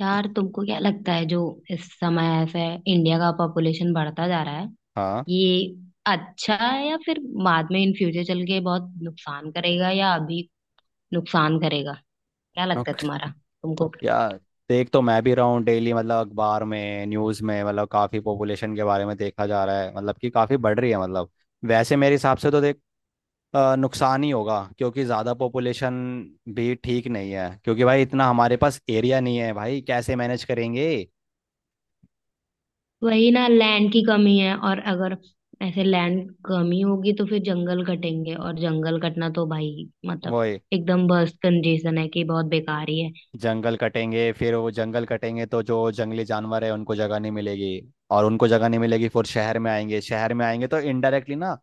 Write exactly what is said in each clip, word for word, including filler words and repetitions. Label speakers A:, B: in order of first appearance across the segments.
A: यार, तुमको क्या लगता है जो इस समय ऐसे इंडिया का पॉपुलेशन बढ़ता जा रहा है,
B: हाँ
A: ये अच्छा है या फिर बाद में इन फ्यूचर चल के बहुत नुकसान करेगा या अभी नुकसान करेगा? क्या लगता है
B: नुक-
A: तुम्हारा, तुमको?
B: यार, देख तो मैं भी रहा हूँ डेली। मतलब अखबार में, न्यूज़ में मतलब काफ़ी पॉपुलेशन के बारे में देखा जा रहा है मतलब कि काफ़ी बढ़ रही है मतलब। वैसे मेरे हिसाब से तो देख, अ, नुकसान ही होगा क्योंकि ज़्यादा पॉपुलेशन भी ठीक नहीं है। क्योंकि भाई इतना हमारे पास एरिया नहीं है भाई, कैसे मैनेज करेंगे।
A: वही ना। लैंड की कमी है, और अगर ऐसे लैंड कमी होगी तो फिर जंगल कटेंगे और जंगल कटना तो भाई मतलब
B: वो
A: एकदम बस कंजेशन है कि बहुत बेकार ही है।
B: जंगल कटेंगे, फिर वो जंगल कटेंगे तो जो जंगली जानवर है उनको जगह नहीं मिलेगी। और उनको जगह नहीं मिलेगी फिर शहर में आएंगे, शहर में आएंगे तो इनडायरेक्टली ना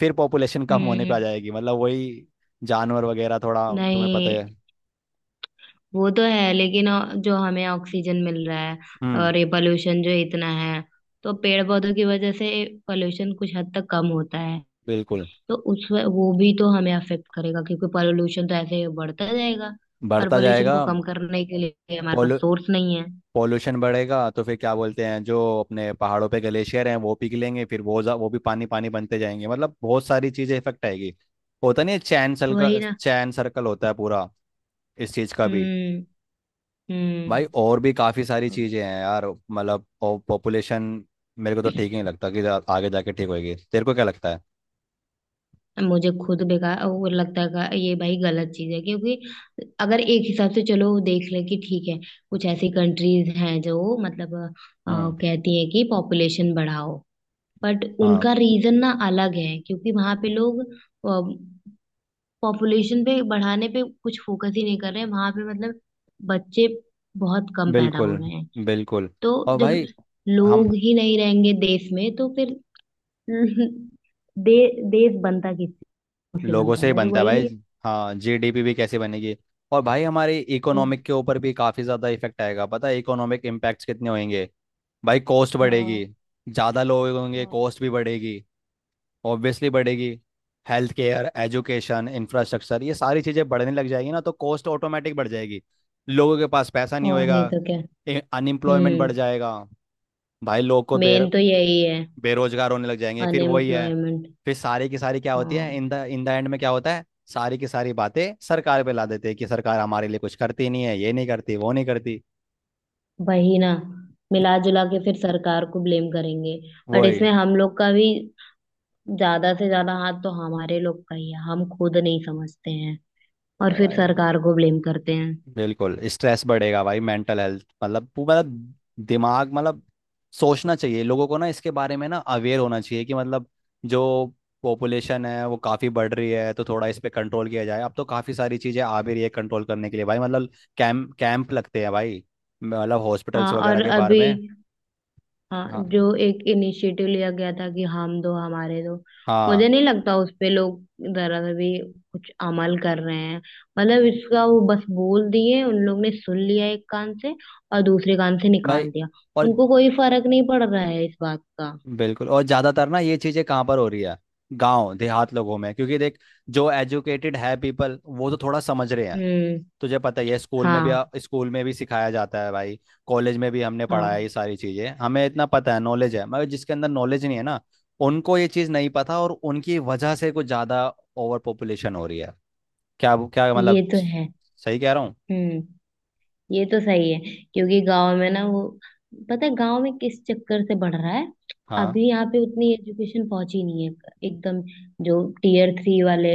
B: फिर पॉपुलेशन कम होने पे
A: हम्म।
B: आ जाएगी, मतलब वही जानवर वगैरह। थोड़ा तुम्हें पता है।
A: नहीं। वो तो है लेकिन अ, जो हमें ऑक्सीजन मिल रहा है
B: हम्म।
A: और ये पोल्यूशन जो इतना है, तो पेड़ पौधों की वजह से पोल्यूशन कुछ हद तक कम होता है।
B: बिल्कुल।
A: तो उस व- वो भी तो हमें अफेक्ट करेगा, क्योंकि पोल्यूशन तो ऐसे ही बढ़ता जाएगा, और
B: बढ़ता
A: पोल्यूशन
B: जाएगा।
A: को कम करने के लिए हमारे पास
B: पोलू
A: सोर्स नहीं है।
B: पॉल्यूशन बढ़ेगा तो फिर क्या बोलते हैं, जो अपने पहाड़ों पे ग्लेशियर हैं वो पिघलेंगे, फिर वो जा- वो भी पानी पानी बनते जाएंगे। मतलब बहुत सारी चीज़ें इफेक्ट आएगी। होता नहीं है, चैन
A: वही
B: सर्कल,
A: ना।
B: चैन सर्कल होता है पूरा, इस चीज़ का भी।
A: हम्म। हम्म।
B: भाई और भी काफ़ी सारी चीज़ें हैं यार, मतलब और पॉपुलेशन मेरे को तो ठीक नहीं लगता कि जा- आगे जाके ठीक होएगी। तेरे को क्या लगता है।
A: मुझे खुद बेकार वो लगता है, का- ये भाई गलत चीज है, क्योंकि अगर एक हिसाब से चलो वो देख ले कि ठीक है, कुछ ऐसी कंट्रीज हैं जो मतलब अ,
B: हम्म।
A: कहती हैं कि पॉपुलेशन बढ़ाओ, बट
B: हाँ।
A: उनका रीजन ना अलग है, क्योंकि वहां पे लोग पॉपुलेशन पे बढ़ाने पे कुछ फोकस ही नहीं कर रहे हैं, वहां पे मतलब बच्चे बहुत कम पैदा हो
B: बिल्कुल,
A: रहे हैं।
B: बिल्कुल।
A: तो
B: और
A: जब
B: भाई हम,
A: लोग ही नहीं रहेंगे देश में तो फिर दे, देश बनता किससे?
B: लोगों
A: बनता
B: से
A: है
B: ही
A: ना जो,
B: बनता है
A: वही
B: भाई।
A: नहीं?
B: हाँ, जी डी पी भी कैसे बनेगी। और भाई हमारे
A: तो
B: इकोनॉमिक के ऊपर भी काफ़ी ज़्यादा इफेक्ट आएगा। पता है इकोनॉमिक इम्पैक्ट्स कितने होंगे। भाई कॉस्ट
A: हाँ,
B: बढ़ेगी। ज़्यादा लोग होंगे,
A: हाँ।
B: कॉस्ट भी बढ़ेगी। ऑब्वियसली बढ़ेगी। हेल्थ केयर, एजुकेशन, इंफ्रास्ट्रक्चर, ये सारी चीज़ें बढ़ने लग जाएगी ना, तो कॉस्ट ऑटोमेटिक बढ़ जाएगी। लोगों के पास पैसा नहीं
A: और
B: होएगा।
A: नहीं तो क्या।
B: अनएम्प्लॉयमेंट
A: हम्म।
B: बढ़ जाएगा। भाई लोग को बेर
A: मेन तो यही है।
B: बेरोजगार होने लग जाएंगे, फिर वही है।
A: अनएम्प्लॉयमेंट।
B: फिर सारी की सारी क्या होती है,
A: हाँ।
B: In the in the end में क्या होता है। सारी की सारी बातें सरकार पे ला देते हैं कि सरकार हमारे लिए कुछ करती नहीं है, ये नहीं करती, वो नहीं करती।
A: वही ना। मिला जुला के फिर सरकार को ब्लेम करेंगे, बट
B: वही।
A: इसमें हम लोग का भी ज्यादा से ज्यादा हाथ तो हमारे लोग का ही है। हम खुद नहीं समझते हैं और
B: अरे
A: फिर
B: भाई,
A: सरकार को ब्लेम करते हैं।
B: बिल्कुल स्ट्रेस बढ़ेगा भाई, मेंटल हेल्थ, मतलब पू- मतलब दिमाग, मतलब सोचना चाहिए लोगों को ना, इसके बारे में ना अवेयर होना चाहिए कि मतलब जो पॉपुलेशन है वो काफ़ी बढ़ रही है तो थोड़ा इस पे कंट्रोल किया जाए। अब तो काफ़ी सारी चीज़ें आ भी रही है कंट्रोल करने के लिए भाई, मतलब कैंप कैंप लगते हैं भाई, मतलब हॉस्पिटल्स
A: हाँ,
B: वगैरह
A: और
B: के बारे
A: अभी,
B: में।
A: हाँ,
B: हाँ,
A: जो एक इनिशिएटिव लिया गया था कि हम दो हमारे दो,
B: हाँ।
A: मुझे नहीं लगता उस पे लोग जरा सा भी कुछ अमल कर रहे हैं। मतलब इसका वो बस बोल दिए, उन लोग ने सुन लिया एक कान से और दूसरे कान से
B: भाई
A: निकाल दिया।
B: और,
A: उनको कोई फर्क नहीं पड़ रहा है इस बात का।
B: बिल्कुल। और ज़्यादातर ना ये चीज़ें कहाँ पर हो रही है, गांव देहात लोगों में। क्योंकि देख, जो एजुकेटेड है पीपल वो तो थोड़ा समझ रहे हैं।
A: हम्म।
B: तुझे पता ही है, स्कूल में
A: हाँ,
B: भी, स्कूल में भी सिखाया जाता है भाई। कॉलेज में भी हमने पढ़ा है,
A: हाँ।
B: ये सारी चीजें हमें इतना पता है, नॉलेज है। मगर जिसके अंदर नॉलेज नहीं है ना, उनको ये चीज नहीं पता, और उनकी वजह से कुछ ज्यादा ओवर पॉपुलेशन हो रही है। क्या क्या
A: ये
B: मतलब।
A: तो है।
B: सही कह रहा हूँ।
A: हम्म। ये तो सही है, क्योंकि गांव में ना वो, पता है गांव में किस चक्कर से बढ़ रहा है?
B: हाँ।
A: अभी यहाँ पे उतनी एजुकेशन पहुंची नहीं है एकदम। जो टीयर थ्री वाले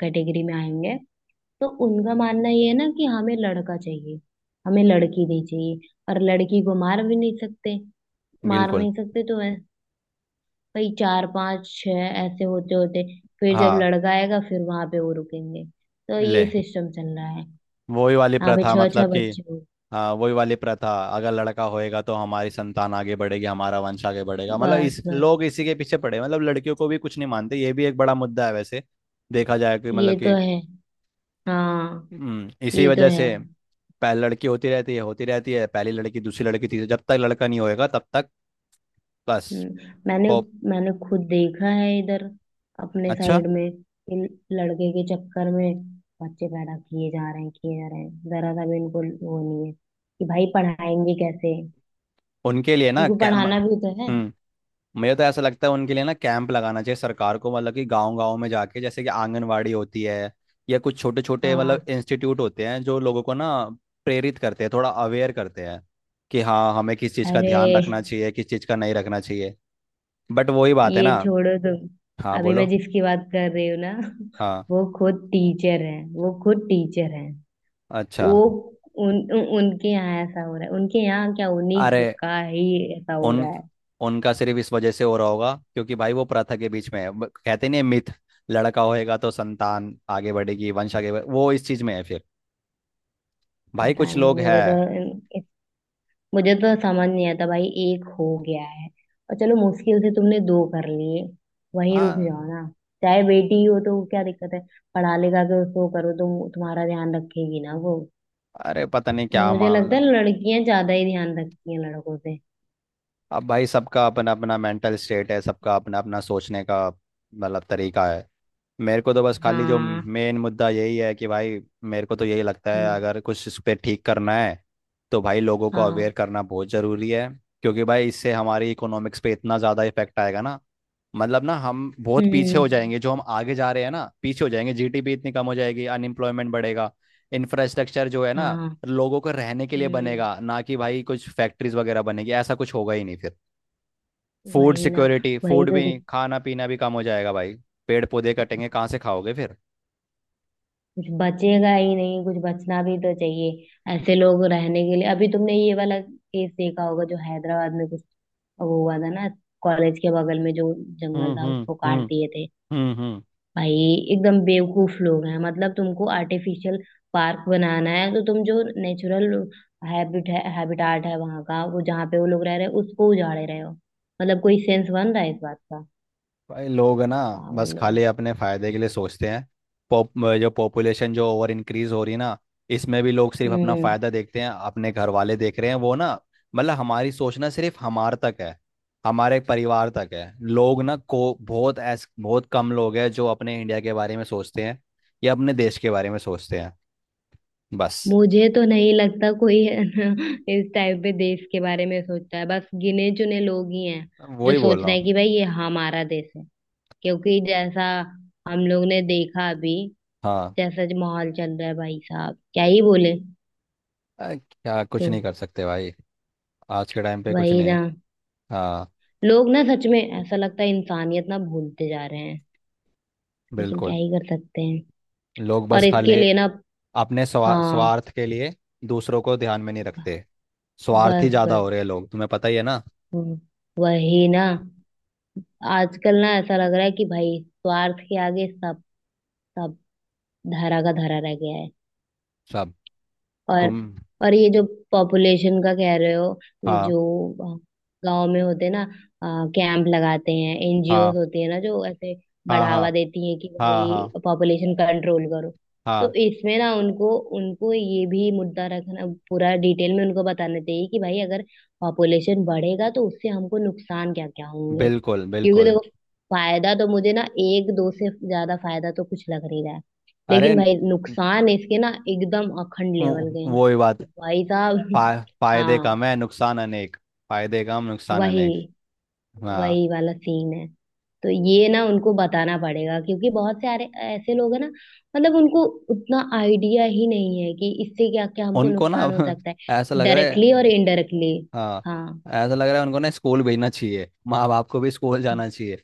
A: कैटेगरी में आएंगे, तो उनका मानना ये है ना कि हमें लड़का चाहिए, हमें लड़की नहीं चाहिए, और लड़की को मार भी नहीं सकते। मार
B: बिल्कुल।
A: नहीं सकते तो ऐ- भाई चार पांच छह ऐसे होते होते, फिर जब
B: हाँ।
A: लड़का आएगा फिर वहां पे वो रुकेंगे। तो
B: ले,
A: ये सिस्टम चल रहा है।
B: वही वाली
A: यहाँ पे
B: प्रथा
A: छह
B: मतलब
A: छह
B: कि,
A: बच्चे हो।
B: हाँ वही वाली प्रथा। अगर लड़का होएगा तो हमारी संतान आगे बढ़ेगी, हमारा वंश आगे बढ़ेगा, मतलब
A: बस,
B: इस
A: बस।
B: लोग इसी के पीछे पड़े, मतलब लड़कियों को भी कुछ नहीं मानते। ये भी एक बड़ा मुद्दा है वैसे, देखा जाए कि
A: ये
B: मतलब
A: तो
B: कि,
A: है। हाँ,
B: हम्म, इसी
A: ये तो
B: वजह
A: है।
B: से पहली लड़की होती रहती है, होती रहती है पहली लड़की, दूसरी लड़की, तीसरी, जब तक लड़का नहीं होएगा तब तक। बस।
A: हम्म, मैंने
B: पॉप
A: मैंने खुद देखा है इधर, अपने
B: अच्छा।
A: साइड में, इन लड़के के चक्कर में बच्चे पैदा किए जा रहे हैं, किए जा रहे हैं। जरा सा भी इनको वो नहीं है कि भाई पढ़ाएंगे कैसे,
B: उनके लिए ना
A: क्योंकि
B: कै- म-
A: पढ़ाना भी तो है।
B: हम्म। मुझे तो ऐसा लगता है उनके लिए ना कैंप लगाना चाहिए सरकार को, मतलब कि गांव गांव में जाके, जैसे कि आंगनवाड़ी होती है, या कुछ छोटे छोटे
A: हाँ।
B: मतलब इंस्टीट्यूट होते हैं जो लोगों को ना प्रेरित करते हैं, थोड़ा अवेयर करते हैं कि हाँ हमें किस चीज़ का
A: अरे,
B: ध्यान रखना चाहिए, किस चीज़ का नहीं रखना चाहिए। बट वही बात है
A: ये
B: ना।
A: छोड़ो
B: हाँ
A: तुम। अभी मैं
B: बोलो।
A: जिसकी बात कर रही हूँ ना
B: हाँ।
A: वो खुद टीचर है, वो खुद टीचर है।
B: अच्छा।
A: वो उन, उन उनके यहाँ ऐसा हो रहा है। उनके यहाँ क्या, उन्हीं
B: अरे
A: का ही ऐसा हो
B: उन,
A: रहा है।
B: उनका सिर्फ इस वजह से हो रहा होगा क्योंकि भाई वो प्रथा के बीच में है, ब- कहते नहीं, मिथ। लड़का होएगा तो संतान आगे बढ़ेगी, वंश आगे बढ़े, वो इस चीज़ में है फिर। भाई
A: पता
B: कुछ
A: नहीं।
B: लोग हैं।
A: मुझे तो मुझे तो समझ नहीं आता भाई, एक हो गया है और चलो मुश्किल से तुमने दो कर लिए, वहीं रुक
B: हाँ।
A: जाओ ना। चाहे बेटी ही हो, तो क्या दिक्कत है? पढ़ा लिखा के उसको करो तो तुम्हारा ध्यान रखेगी ना वो।
B: अरे पता नहीं
A: और
B: क्या
A: मुझे लगता है
B: मतलब।
A: लड़कियां ज्यादा ही ध्यान रखती हैं लड़कों से।
B: अब भाई सबका अपना अपना मेंटल स्टेट है, सबका अपना अपना सोचने का मतलब तरीका है। मेरे को तो बस खाली जो
A: हाँ।
B: मेन मुद्दा यही है कि भाई, मेरे को तो यही लगता है
A: हम्म।
B: अगर कुछ इस पे ठीक करना है तो भाई लोगों को
A: हाँ।
B: अवेयर करना बहुत ज़रूरी है। क्योंकि भाई इससे हमारी इकोनॉमिक्स पे इतना ज़्यादा इफेक्ट आएगा ना। मतलब ना हम बहुत पीछे
A: हम्म।
B: हो जाएंगे, जो हम आगे जा रहे हैं ना पीछे हो जाएंगे, जी डी पी इतनी कम हो जाएगी, अनएम्प्लॉयमेंट बढ़ेगा। इंफ्रास्ट्रक्चर जो है ना,
A: हाँ।
B: लोगों को रहने के लिए
A: हम्म।
B: बनेगा ना, कि भाई कुछ फैक्ट्रीज वगैरह बनेगी ऐसा कुछ होगा ही नहीं फिर। फूड
A: वही ना।
B: सिक्योरिटी,
A: वही
B: फूड
A: तो।
B: भी नहीं, खाना पीना भी कम हो जाएगा भाई। पेड़ पौधे कटेंगे, कहाँ से खाओगे फिर।
A: कुछ बचेगा ही नहीं, कुछ बचना भी तो चाहिए ऐसे लोग रहने के लिए। अभी तुमने ये वाला केस देखा होगा जो हैदराबाद में, कुछ वो हुआ था ना, कॉलेज के बगल में जो जंगल
B: हम्म
A: था
B: हम्म
A: उसको काट
B: हम्म।
A: दिए थे।
B: हम्म हम्म।
A: भाई एकदम बेवकूफ लोग हैं। मतलब तुमको आर्टिफिशियल पार्क बनाना है तो तुम जो नेचुरल हैबिट है हैबिटाट है वहां का, वो जहाँ पे वो लोग रह रहे हैं उसको उजाड़े रहे हो। मतलब कोई सेंस बन रहा है इस बात का?
B: भाई लोग है ना, बस
A: पागल लोग।
B: खाली अपने फायदे के लिए सोचते हैं। पॉप जो पॉपुलेशन जो ओवर इंक्रीज हो रही है ना, इसमें भी लोग सिर्फ अपना
A: हम्म।
B: फायदा देखते हैं, अपने घर वाले देख रहे हैं वो ना। मतलब हमारी सोचना सिर्फ हमार तक है हमारे परिवार तक है। लोग ना को बहुत ऐस बहुत कम लोग हैं जो अपने इंडिया के बारे में सोचते हैं या अपने देश के बारे में सोचते हैं। बस।
A: मुझे तो नहीं लगता कोई है ना, इस टाइप पे देश के बारे में सोचता है, बस गिने चुने लोग ही हैं जो
B: वही बोल
A: सोच
B: रहा
A: रहे हैं
B: हूँ।
A: कि भाई ये हमारा देश है। क्योंकि जैसा हम लोग ने देखा अभी,
B: हाँ,
A: जैसा जो माहौल चल रहा है भाई साहब, क्या ही बोले।
B: अ, क्या कुछ
A: तो
B: नहीं कर सकते भाई, आज के टाइम पे कुछ
A: वही
B: नहीं
A: ना।
B: है। हाँ।
A: लोग ना सच में ऐसा लगता है इंसानियत ना भूलते जा रहे हैं। लेकिन क्या
B: बिल्कुल।
A: ही कर सकते हैं।
B: लोग
A: और
B: बस
A: इसके
B: खाली
A: लिए ना,
B: अपने स्वा,
A: हाँ।
B: स्वार्थ के लिए दूसरों को ध्यान में नहीं रखते। स्वार्थी
A: बस,
B: ज्यादा
A: बस।
B: हो रहे हैं लोग, तुम्हें पता ही है ना।
A: हम्म, वही ना। आजकल ना ऐसा लग रहा है कि भाई स्वार्थ के आगे सब, सब धरा का धरा रह गया है।
B: सब।
A: और।
B: तुम।
A: और ये जो पॉपुलेशन का कह रहे हो, ये
B: हाँ
A: जो गांव में होते हैं ना, कैंप लगाते हैं, एन जी ओ
B: हाँ
A: होती है ना जो ऐसे
B: हाँ। हाँ
A: बढ़ावा देती है कि
B: हाँ हाँ
A: भाई पॉपुलेशन कंट्रोल करो, तो
B: हाँ।
A: इसमें ना उनको, उनको ये भी मुद्दा रखना, पूरा डिटेल में उनको बताना चाहिए कि भाई अगर पॉपुलेशन बढ़ेगा तो उससे हमको नुकसान क्या क्या होंगे,
B: बिल्कुल,
A: क्योंकि
B: बिल्कुल।
A: देखो, फायदा तो मुझे ना एक दो से ज्यादा फायदा तो कुछ लग नहीं रहा है,
B: अरे
A: लेकिन भाई नुकसान इसके ना एकदम अखंड
B: वो
A: लेवल के हैं
B: वो ही बात।
A: कि भाई साहब।
B: फा, फायदे
A: हाँ।
B: कम है, नुकसान अनेक। फायदे कम, नुकसान
A: वही।
B: अनेक। हाँ।
A: वही वाला सीन है। तो ये ना उनको बताना पड़ेगा, क्योंकि बहुत सारे ऐसे लोग हैं ना, मतलब उनको उतना आइडिया ही नहीं है कि इससे क्या क्या हमको
B: उनको ना
A: नुकसान हो
B: अब
A: सकता
B: ऐसा
A: है,
B: लग रहा है।
A: डायरेक्टली और इनडायरेक्टली।
B: हाँ।
A: हाँ।
B: ऐसा लग रहा है उनको ना स्कूल भेजना चाहिए, माँ बाप को भी स्कूल जाना चाहिए।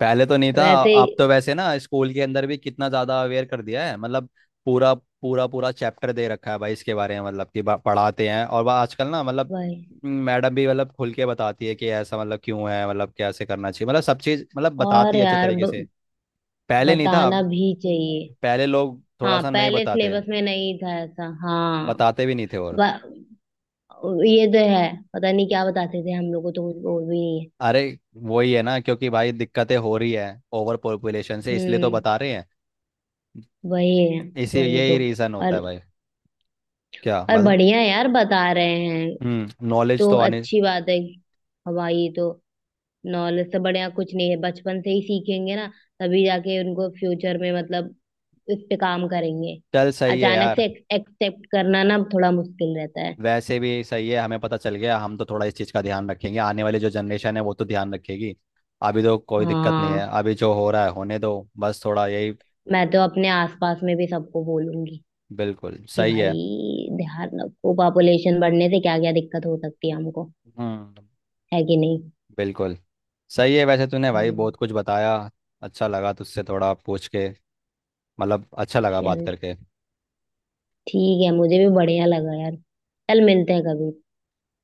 B: पहले तो नहीं था।
A: वैसे
B: आप तो वैसे ना स्कूल के अंदर भी कितना ज्यादा अवेयर कर दिया है, मतलब पूरा, पूरा पूरा चैप्टर दे रखा है भाई इसके बारे में, मतलब कि बा- पढ़ाते हैं। और वह आजकल ना मतलब
A: वही।
B: मैडम भी मतलब खुल के बताती है कि ऐसा मतलब क्यों है, मतलब कैसे करना चाहिए, मतलब सब चीज मतलब बताती
A: और
B: है अच्छे
A: यार
B: तरीके
A: ब,
B: से। पहले नहीं था,
A: बताना भी चाहिए।
B: पहले लोग थोड़ा
A: हाँ,
B: सा नहीं
A: पहले
B: बताते,
A: सिलेबस में नहीं था ऐसा, हाँ।
B: बताते भी नहीं थे। और
A: ये तो है। पता नहीं क्या बताते थे हम लोग को तो कुछ, वो भी नहीं है।
B: अरे वही है ना, क्योंकि भाई दिक्कतें हो रही है ओवर पॉपुलेशन से, इसलिए तो
A: हम्म।
B: बता रहे हैं।
A: वही है।
B: इसी
A: वही
B: यही
A: तो।
B: रीजन होता
A: और
B: है भाई। क्या
A: और
B: मतलब।
A: बढ़िया है यार बता रहे हैं
B: हम्म, नॉलेज
A: तो
B: तो आने।
A: अच्छी बात है। हमारी तो नॉलेज से बढ़िया कुछ नहीं है। बचपन से ही सीखेंगे ना, तभी जाके उनको फ्यूचर में मतलब इस पे काम करेंगे।
B: चल सही है
A: अचानक
B: यार।
A: से एक्सेप्ट करना ना थोड़ा मुश्किल रहता है।
B: वैसे भी सही है, हमें पता चल गया, हम तो थोड़ा इस चीज़ का ध्यान रखेंगे, आने वाली जो जनरेशन है वो तो ध्यान रखेगी। अभी तो कोई दिक्कत नहीं है,
A: हाँ।
B: अभी जो हो रहा है होने दो। बस थोड़ा यही।
A: मैं तो अपने आसपास में भी सबको बोलूंगी
B: बिल्कुल
A: कि
B: सही
A: भाई
B: है।
A: ध्यान रखो, पॉपुलेशन बढ़ने से क्या क्या दिक्कत हो सकती है हमको,
B: हम्म।
A: है कि नहीं?
B: बिल्कुल सही है वैसे, तूने भाई
A: हम्म।
B: बहुत कुछ बताया। अच्छा लगा तुझसे थोड़ा पूछ के, मतलब अच्छा लगा बात
A: चल
B: करके।
A: ठीक है, मुझे भी बढ़िया लगा यार। चल मिलते हैं कभी।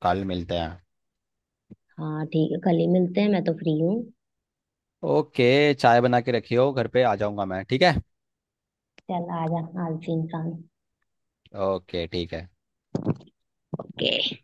B: कल मिलते हैं।
A: हाँ ठीक है, कल ही मिलते हैं, मैं तो फ्री हूँ।
B: ओके, चाय बना के रखियो घर पे, आ जाऊंगा मैं। ठीक है।
A: चल आजा आलसी इंसान।
B: ओके। ठीक है।
A: ओके।